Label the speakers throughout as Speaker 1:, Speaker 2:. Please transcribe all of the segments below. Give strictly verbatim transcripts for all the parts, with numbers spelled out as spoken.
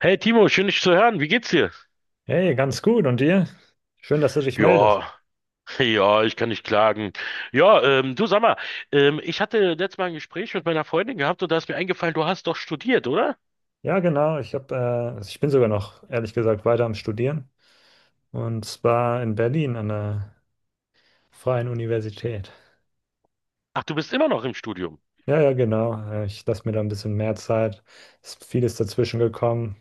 Speaker 1: Hey Timo, schön dich zu hören. Wie geht's dir?
Speaker 2: Hey, ganz gut. Und dir? Schön, dass du dich meldest.
Speaker 1: Ja, ja, ich kann nicht klagen. Ja, ähm, du sag mal, ähm, ich hatte letztes Mal ein Gespräch mit meiner Freundin gehabt und da ist mir eingefallen, du hast doch studiert, oder?
Speaker 2: Ja, genau. Ich hab, äh, also ich bin sogar noch, ehrlich gesagt, weiter am Studieren. Und zwar in Berlin an der Freien Universität.
Speaker 1: Ach, du bist immer noch im Studium.
Speaker 2: Ja, ja, genau. Äh, Ich lasse mir da ein bisschen mehr Zeit. Ist vieles dazwischen gekommen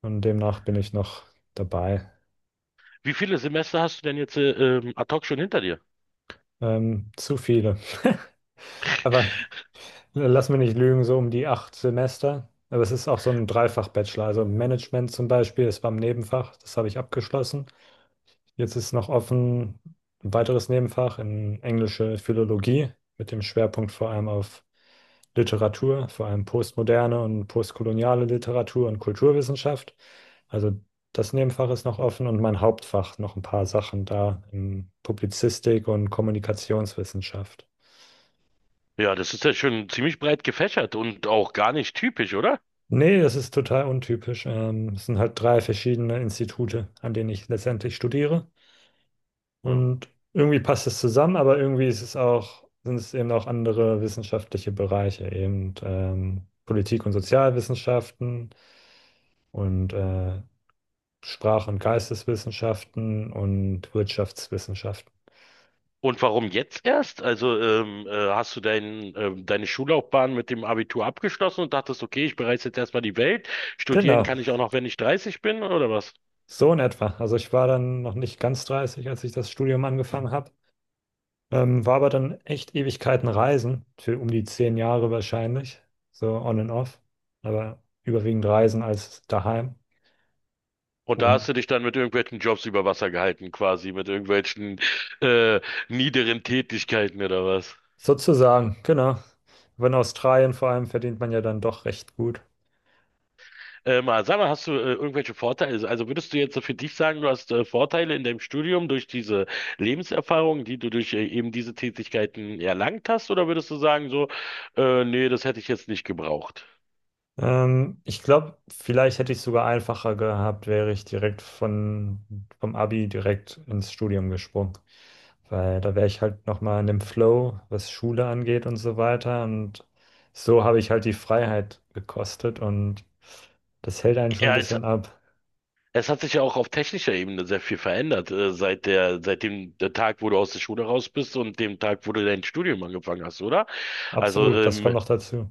Speaker 2: und demnach bin ich noch dabei.
Speaker 1: Wie viele Semester hast du denn jetzt äh, ähm, ad hoc schon hinter dir?
Speaker 2: Ähm, zu viele. Aber lass mich nicht lügen, so um die acht Semester. Aber es ist auch so ein Dreifach-Bachelor. Also Management zum Beispiel, das war im Nebenfach, das habe ich abgeschlossen. Jetzt ist noch offen ein weiteres Nebenfach in englische Philologie mit dem Schwerpunkt vor allem auf Literatur, vor allem postmoderne und postkoloniale Literatur und Kulturwissenschaft. Also das Nebenfach ist noch offen und mein Hauptfach noch ein paar Sachen da in Publizistik und Kommunikationswissenschaft.
Speaker 1: Ja, das ist ja schon ziemlich breit gefächert und auch gar nicht typisch, oder?
Speaker 2: Nee, das ist total untypisch. Ähm, es sind halt drei verschiedene Institute, an denen ich letztendlich studiere.
Speaker 1: Ja.
Speaker 2: Und irgendwie passt es zusammen, aber irgendwie ist es auch, sind es eben auch andere wissenschaftliche Bereiche, eben ähm, Politik- und Sozialwissenschaften und äh, Sprach- und Geisteswissenschaften und Wirtschaftswissenschaften.
Speaker 1: Und warum jetzt erst? Also ähm, äh, hast du dein, ähm, deine Schullaufbahn mit dem Abitur abgeschlossen und dachtest: okay, ich bereise jetzt erstmal die Welt. Studieren
Speaker 2: Genau,
Speaker 1: kann ich auch noch, wenn ich dreißig bin, oder was?
Speaker 2: so in etwa. Also ich war dann noch nicht ganz dreißig, als ich das Studium angefangen habe, ähm, war aber dann echt Ewigkeiten reisen, für um die zehn Jahre wahrscheinlich, so on and off, aber überwiegend reisen als daheim.
Speaker 1: Und da
Speaker 2: Und
Speaker 1: hast du dich dann mit irgendwelchen Jobs über Wasser gehalten, quasi, mit irgendwelchen äh, niederen Tätigkeiten oder was?
Speaker 2: Sozusagen, genau. Aber in Australien vor allem verdient man ja dann doch recht gut.
Speaker 1: Ähm, aber sag mal, hast du äh, irgendwelche Vorteile? Also also würdest du jetzt so für dich sagen, du hast äh, Vorteile in deinem Studium durch diese Lebenserfahrung, die du durch äh, eben diese Tätigkeiten erlangt hast, oder würdest du sagen so, äh, nee, das hätte ich jetzt nicht gebraucht?
Speaker 2: Ähm, ich glaube, vielleicht hätte ich es sogar einfacher gehabt, wäre ich direkt von, vom Abi direkt ins Studium gesprungen. Weil da wäre ich halt nochmal in dem Flow, was Schule angeht und so weiter. Und so habe ich halt die Freiheit gekostet und das hält einen schon ein
Speaker 1: Ja, es,
Speaker 2: bisschen ab.
Speaker 1: es hat sich ja auch auf technischer Ebene sehr viel verändert, äh, seit der, seit dem der Tag, wo du aus der Schule raus bist und dem Tag, wo du dein Studium angefangen hast, oder? Also
Speaker 2: Absolut, das kommt
Speaker 1: ähm,
Speaker 2: noch dazu.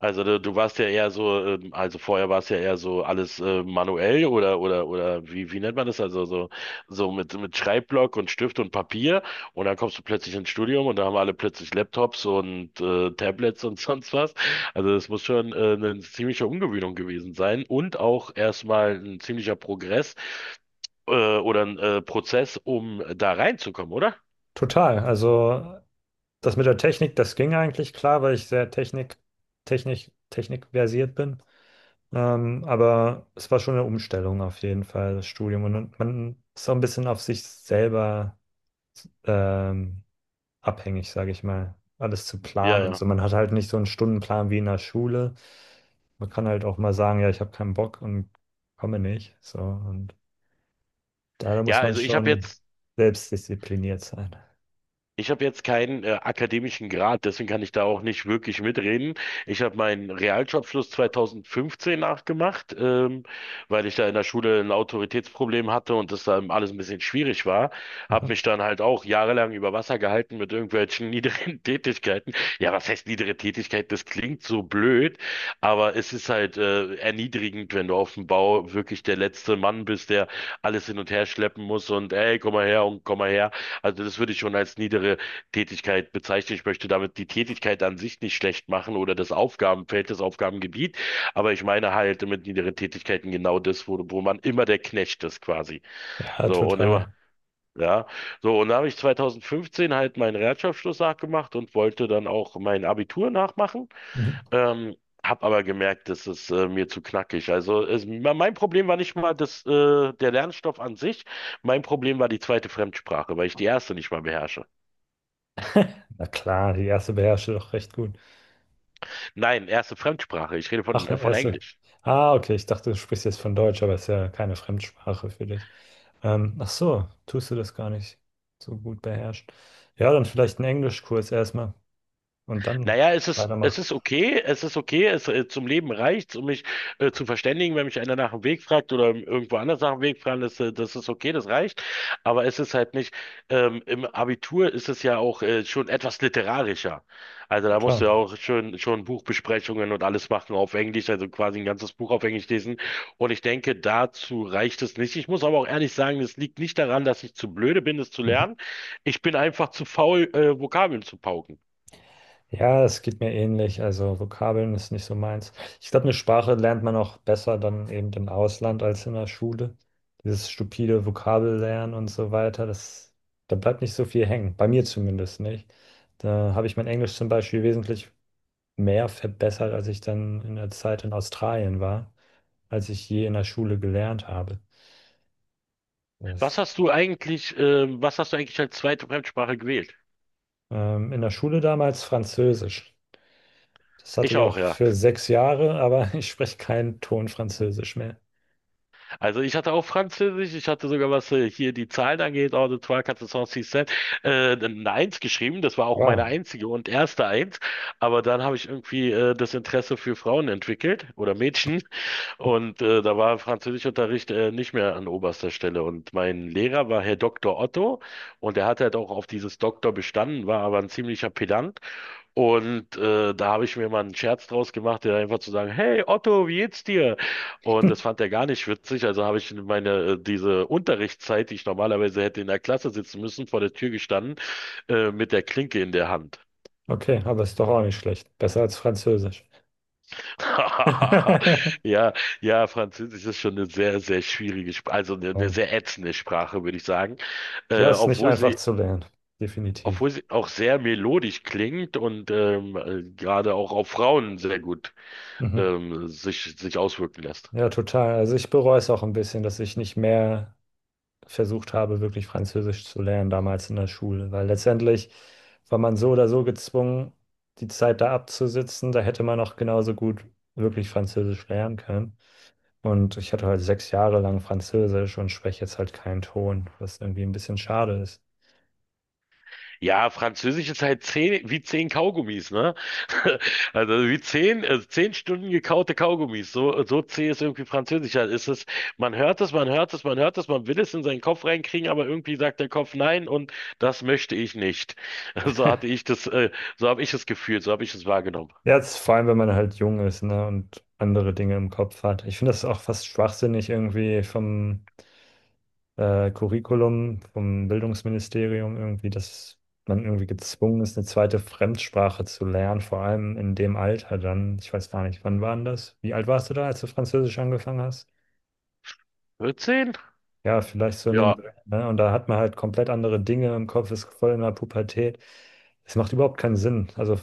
Speaker 1: Also du, du warst ja eher so, ähm, also vorher war es ja eher so alles äh, manuell oder oder oder wie wie nennt man das? Also so so mit mit Schreibblock und Stift und Papier und dann kommst du plötzlich ins Studium und da haben alle plötzlich Laptops und äh, Tablets und sonst was. Also das muss schon äh, eine ziemliche Umgewöhnung gewesen sein und auch erstmal ein ziemlicher Progress äh, oder ein äh, Prozess, um da reinzukommen, oder?
Speaker 2: Total. Also das mit der Technik, das ging eigentlich klar, weil ich sehr Technik, Technik, Technik versiert bin. Ähm, aber es war schon eine Umstellung auf jeden Fall, das Studium. Und man ist auch ein bisschen auf sich selber ähm, abhängig, sage ich mal, alles zu
Speaker 1: Ja,
Speaker 2: planen und so.
Speaker 1: ja.
Speaker 2: Man hat halt nicht so einen Stundenplan wie in der Schule. Man kann halt auch mal sagen, ja, ich habe keinen Bock und komme nicht. So, und da
Speaker 1: Ja,
Speaker 2: muss man
Speaker 1: also ich habe
Speaker 2: schon
Speaker 1: jetzt
Speaker 2: selbstdiszipliniert sein.
Speaker 1: Ich habe jetzt keinen äh, akademischen Grad, deswegen kann ich da auch nicht wirklich mitreden. Ich habe meinen Realschulabschluss zwanzig fünfzehn nachgemacht, ähm, weil ich da in der Schule ein Autoritätsproblem hatte und das dann alles ein bisschen schwierig war. Habe mich dann halt auch jahrelang über Wasser gehalten mit irgendwelchen niederen Tätigkeiten. Ja, was heißt niedere Tätigkeit? Das klingt so blöd, aber es ist halt äh, erniedrigend, wenn du auf dem Bau wirklich der letzte Mann bist, der alles hin und her schleppen muss und ey, komm mal her und komm mal her. Also das würde ich schon als niedere Tätigkeit bezeichnen. Ich möchte damit die Tätigkeit an sich nicht schlecht machen oder das Aufgabenfeld, das Aufgabengebiet, aber ich meine halt mit niederen Tätigkeiten genau das, wo, wo man immer der Knecht ist quasi.
Speaker 2: Ja,
Speaker 1: So und immer,
Speaker 2: total.
Speaker 1: ja. So und da habe ich zwanzig fünfzehn halt meinen Realschulabschluss nachgemacht und wollte dann auch mein Abitur nachmachen. Ähm, Hab aber gemerkt, das ist äh, mir zu knackig. Also es, mein Problem war nicht mal das, äh, der Lernstoff an sich. Mein Problem war die zweite Fremdsprache, weil ich die erste nicht mal beherrsche.
Speaker 2: Na klar, die erste beherrsche doch recht gut.
Speaker 1: Nein, erste Fremdsprache. Ich rede von,
Speaker 2: Ach,
Speaker 1: äh,
Speaker 2: eine
Speaker 1: von
Speaker 2: erste.
Speaker 1: Englisch.
Speaker 2: Ah, okay, ich dachte, du sprichst jetzt von Deutsch, aber ist ja keine Fremdsprache für dich. Ähm, ach so, tust du das gar nicht so gut beherrschen. Ja, dann vielleicht einen Englischkurs erstmal und dann
Speaker 1: Naja, es ist, es
Speaker 2: weitermachen.
Speaker 1: ist okay, es ist okay, es, äh, zum Leben reicht's, um mich äh, zu verständigen, wenn mich einer nach dem Weg fragt oder irgendwo anders nach dem Weg fragen, das, äh, das ist okay, das reicht. Aber es ist halt nicht, ähm, Im Abitur ist es ja auch äh, schon etwas literarischer. Also da musst du
Speaker 2: Total.
Speaker 1: ja auch schon, schon Buchbesprechungen und alles machen auf Englisch, also quasi ein ganzes Buch auf Englisch lesen. Und ich denke, dazu reicht es nicht. Ich muss aber auch ehrlich sagen, es liegt nicht daran, dass ich zu blöde bin, es zu
Speaker 2: Mhm.
Speaker 1: lernen. Ich bin einfach zu faul, äh, Vokabeln zu pauken.
Speaker 2: Ja, es geht mir ähnlich. Also Vokabeln ist nicht so meins. Ich glaube, eine Sprache lernt man auch besser dann eben im Ausland als in der Schule. Dieses stupide Vokabellernen und so weiter, das, da bleibt nicht so viel hängen. Bei mir zumindest nicht. Da habe ich mein Englisch zum Beispiel wesentlich mehr verbessert, als ich dann in der Zeit in Australien war, als ich je in der Schule gelernt habe.
Speaker 1: Was
Speaker 2: Das,
Speaker 1: hast du eigentlich, ähm, was hast du eigentlich als zweite Fremdsprache gewählt?
Speaker 2: ähm, in der Schule damals Französisch. Das hatte
Speaker 1: Ich
Speaker 2: ich
Speaker 1: auch,
Speaker 2: auch
Speaker 1: ja.
Speaker 2: für sechs Jahre, aber ich spreche keinen Ton Französisch mehr.
Speaker 1: Also ich hatte auch Französisch, ich hatte sogar, was äh, hier die Zahlen angeht, Ordre, Trois, Quatre, Cinq, Six, Sept, äh, eine Eins geschrieben. Das war auch meine
Speaker 2: Wow.
Speaker 1: einzige und erste Eins. Aber dann habe ich irgendwie äh, das Interesse für Frauen entwickelt oder Mädchen. Und äh, da war Französischunterricht äh, nicht mehr an oberster Stelle. Und mein Lehrer war Herr Doktor Otto und er hat halt auch auf dieses Doktor bestanden, war aber ein ziemlicher Pedant. Und äh, da habe ich mir mal einen Scherz draus gemacht, der einfach zu sagen: hey Otto, wie geht's dir? Und das fand er gar nicht witzig, also habe ich meine, äh, diese Unterrichtszeit, die ich normalerweise hätte in der Klasse sitzen müssen, vor der Tür gestanden, äh, mit der Klinke in der Hand.
Speaker 2: Okay, aber ist doch auch nicht schlecht. Besser als Französisch.
Speaker 1: Ja, ja, Französisch ist schon eine sehr, sehr schwierige Sprache, also eine, eine
Speaker 2: Ja,
Speaker 1: sehr ätzende Sprache, würde ich sagen.
Speaker 2: ja,
Speaker 1: Äh,
Speaker 2: ist nicht
Speaker 1: obwohl
Speaker 2: einfach
Speaker 1: sie
Speaker 2: zu lernen. Definitiv.
Speaker 1: Obwohl sie auch sehr melodisch klingt und ähm, äh, gerade auch auf Frauen sehr gut
Speaker 2: Mhm.
Speaker 1: ähm, sich, sich auswirken lässt.
Speaker 2: Ja, total. Also ich bereue es auch ein bisschen, dass ich nicht mehr versucht habe, wirklich Französisch zu lernen damals in der Schule, weil letztendlich war man so oder so gezwungen, die Zeit da abzusitzen. Da hätte man auch genauso gut wirklich Französisch lernen können. Und ich hatte halt sechs Jahre lang Französisch und spreche jetzt halt keinen Ton, was irgendwie ein bisschen schade ist.
Speaker 1: Ja, Französisch ist halt zehn, wie zehn Kaugummis, ne? Also wie zehn, äh, zehn Stunden gekaute Kaugummis. So, so zäh ist irgendwie Französisch. Halt ist es, man hört es, man hört es, man hört es, man will es in seinen Kopf reinkriegen, aber irgendwie sagt der Kopf nein und das möchte ich nicht. So hatte ich das, äh, so habe ich es gefühlt, so habe ich es wahrgenommen.
Speaker 2: Ja, jetzt vor allem, wenn man halt jung ist, ne, und andere Dinge im Kopf hat. Ich finde das auch fast schwachsinnig irgendwie vom äh, Curriculum, vom Bildungsministerium irgendwie, dass man irgendwie gezwungen ist, eine zweite Fremdsprache zu lernen, vor allem in dem Alter dann. Ich weiß gar nicht, wann war denn das? Wie alt warst du da, als du Französisch angefangen hast?
Speaker 1: vierzehn?
Speaker 2: Ja, vielleicht so in dem
Speaker 1: Ja.
Speaker 2: Dreh, ne? Und da hat man halt komplett andere Dinge im Kopf, ist voll in der Pubertät. Es macht überhaupt keinen Sinn. Also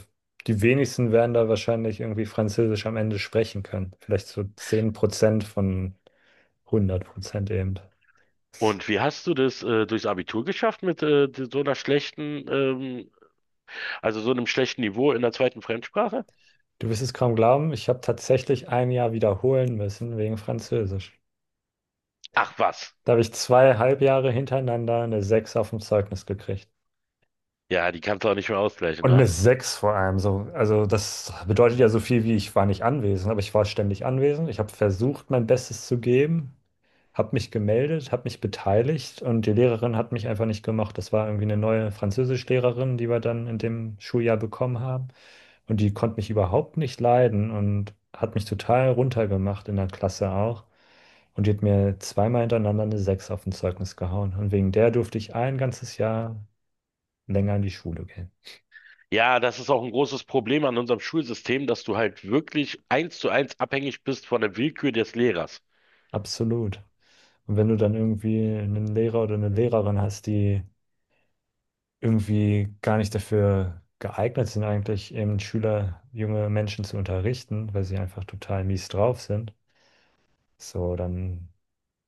Speaker 2: die wenigsten werden da wahrscheinlich irgendwie Französisch am Ende sprechen können. Vielleicht so zehn Prozent von hundert Prozent eben.
Speaker 1: Und wie hast du das äh, durchs Abitur geschafft mit äh, so einer schlechten, ähm, also so einem schlechten Niveau in der zweiten Fremdsprache?
Speaker 2: Du wirst es kaum glauben, ich habe tatsächlich ein Jahr wiederholen müssen wegen Französisch.
Speaker 1: Ach was.
Speaker 2: Da habe ich zwei Halbjahre hintereinander eine sechs auf dem Zeugnis gekriegt.
Speaker 1: Ja, die kannst du auch nicht mehr ausgleichen,
Speaker 2: Und eine
Speaker 1: ne?
Speaker 2: sechs vor allem so. Also das bedeutet ja so viel wie: ich war nicht anwesend, aber ich war ständig anwesend. Ich habe versucht, mein Bestes zu geben, habe mich gemeldet, habe mich beteiligt und die Lehrerin hat mich einfach nicht gemacht. Das war irgendwie eine neue Französischlehrerin, die wir dann in dem Schuljahr bekommen haben. Und die konnte mich überhaupt nicht leiden und hat mich total runtergemacht in der Klasse auch. Und die hat mir zweimal hintereinander eine sechs auf dem Zeugnis gehauen. Und wegen der durfte ich ein ganzes Jahr länger in die Schule gehen.
Speaker 1: Ja, das ist auch ein großes Problem an unserem Schulsystem, dass du halt wirklich eins zu eins abhängig bist von der Willkür des Lehrers.
Speaker 2: Absolut. Und wenn du dann irgendwie einen Lehrer oder eine Lehrerin hast, die irgendwie gar nicht dafür geeignet sind, eigentlich eben Schüler, junge Menschen zu unterrichten, weil sie einfach total mies drauf sind, so, dann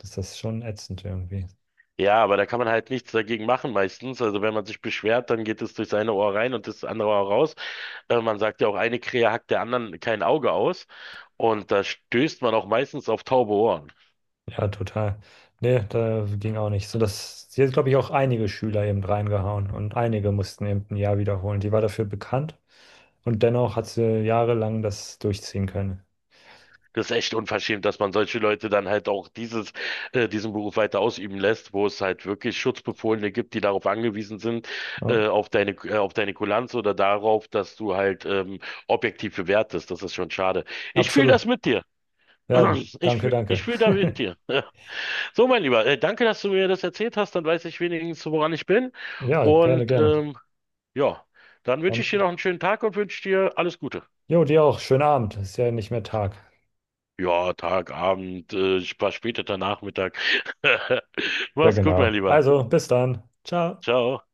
Speaker 2: ist das schon ätzend irgendwie.
Speaker 1: Ja, aber da kann man halt nichts dagegen machen meistens. Also wenn man sich beschwert, dann geht es durch das eine Ohr rein und das andere Ohr raus. Äh, man sagt ja auch, eine Krähe hackt der anderen kein Auge aus. Und da stößt man auch meistens auf taube Ohren.
Speaker 2: Ja, total. Nee, da ging auch nicht. So, das, sie hat, glaube ich, auch einige Schüler eben reingehauen und einige mussten eben ein Jahr wiederholen. Die war dafür bekannt und dennoch hat sie jahrelang das durchziehen können.
Speaker 1: Das ist echt unverschämt, dass man solche Leute dann halt auch dieses, äh, diesen Beruf weiter ausüben lässt, wo es halt wirklich Schutzbefohlene gibt, die darauf angewiesen sind,
Speaker 2: Ja,
Speaker 1: äh, auf deine, äh, auf deine Kulanz oder darauf, dass du halt, ähm, objektiv bewertest. Das ist schon schade. Ich fühle
Speaker 2: absolut.
Speaker 1: das mit dir.
Speaker 2: Ja,
Speaker 1: Ich
Speaker 2: danke,
Speaker 1: fühle
Speaker 2: danke.
Speaker 1: ich fühl da mit dir. So, mein Lieber, äh, danke, dass du mir das erzählt hast. Dann weiß ich wenigstens, woran ich bin.
Speaker 2: Ja, gerne,
Speaker 1: Und
Speaker 2: gerne.
Speaker 1: ähm, ja, dann wünsche ich dir
Speaker 2: Dann,
Speaker 1: noch einen schönen Tag und wünsche dir alles Gute.
Speaker 2: jo, dir auch. Schönen Abend. Ist ja nicht mehr Tag.
Speaker 1: Ja, Tag, Abend, äh, spa- später Nachmittag.
Speaker 2: Ja,
Speaker 1: Mach's gut, mein
Speaker 2: genau.
Speaker 1: Lieber.
Speaker 2: Also, bis dann. Ciao.
Speaker 1: Ciao.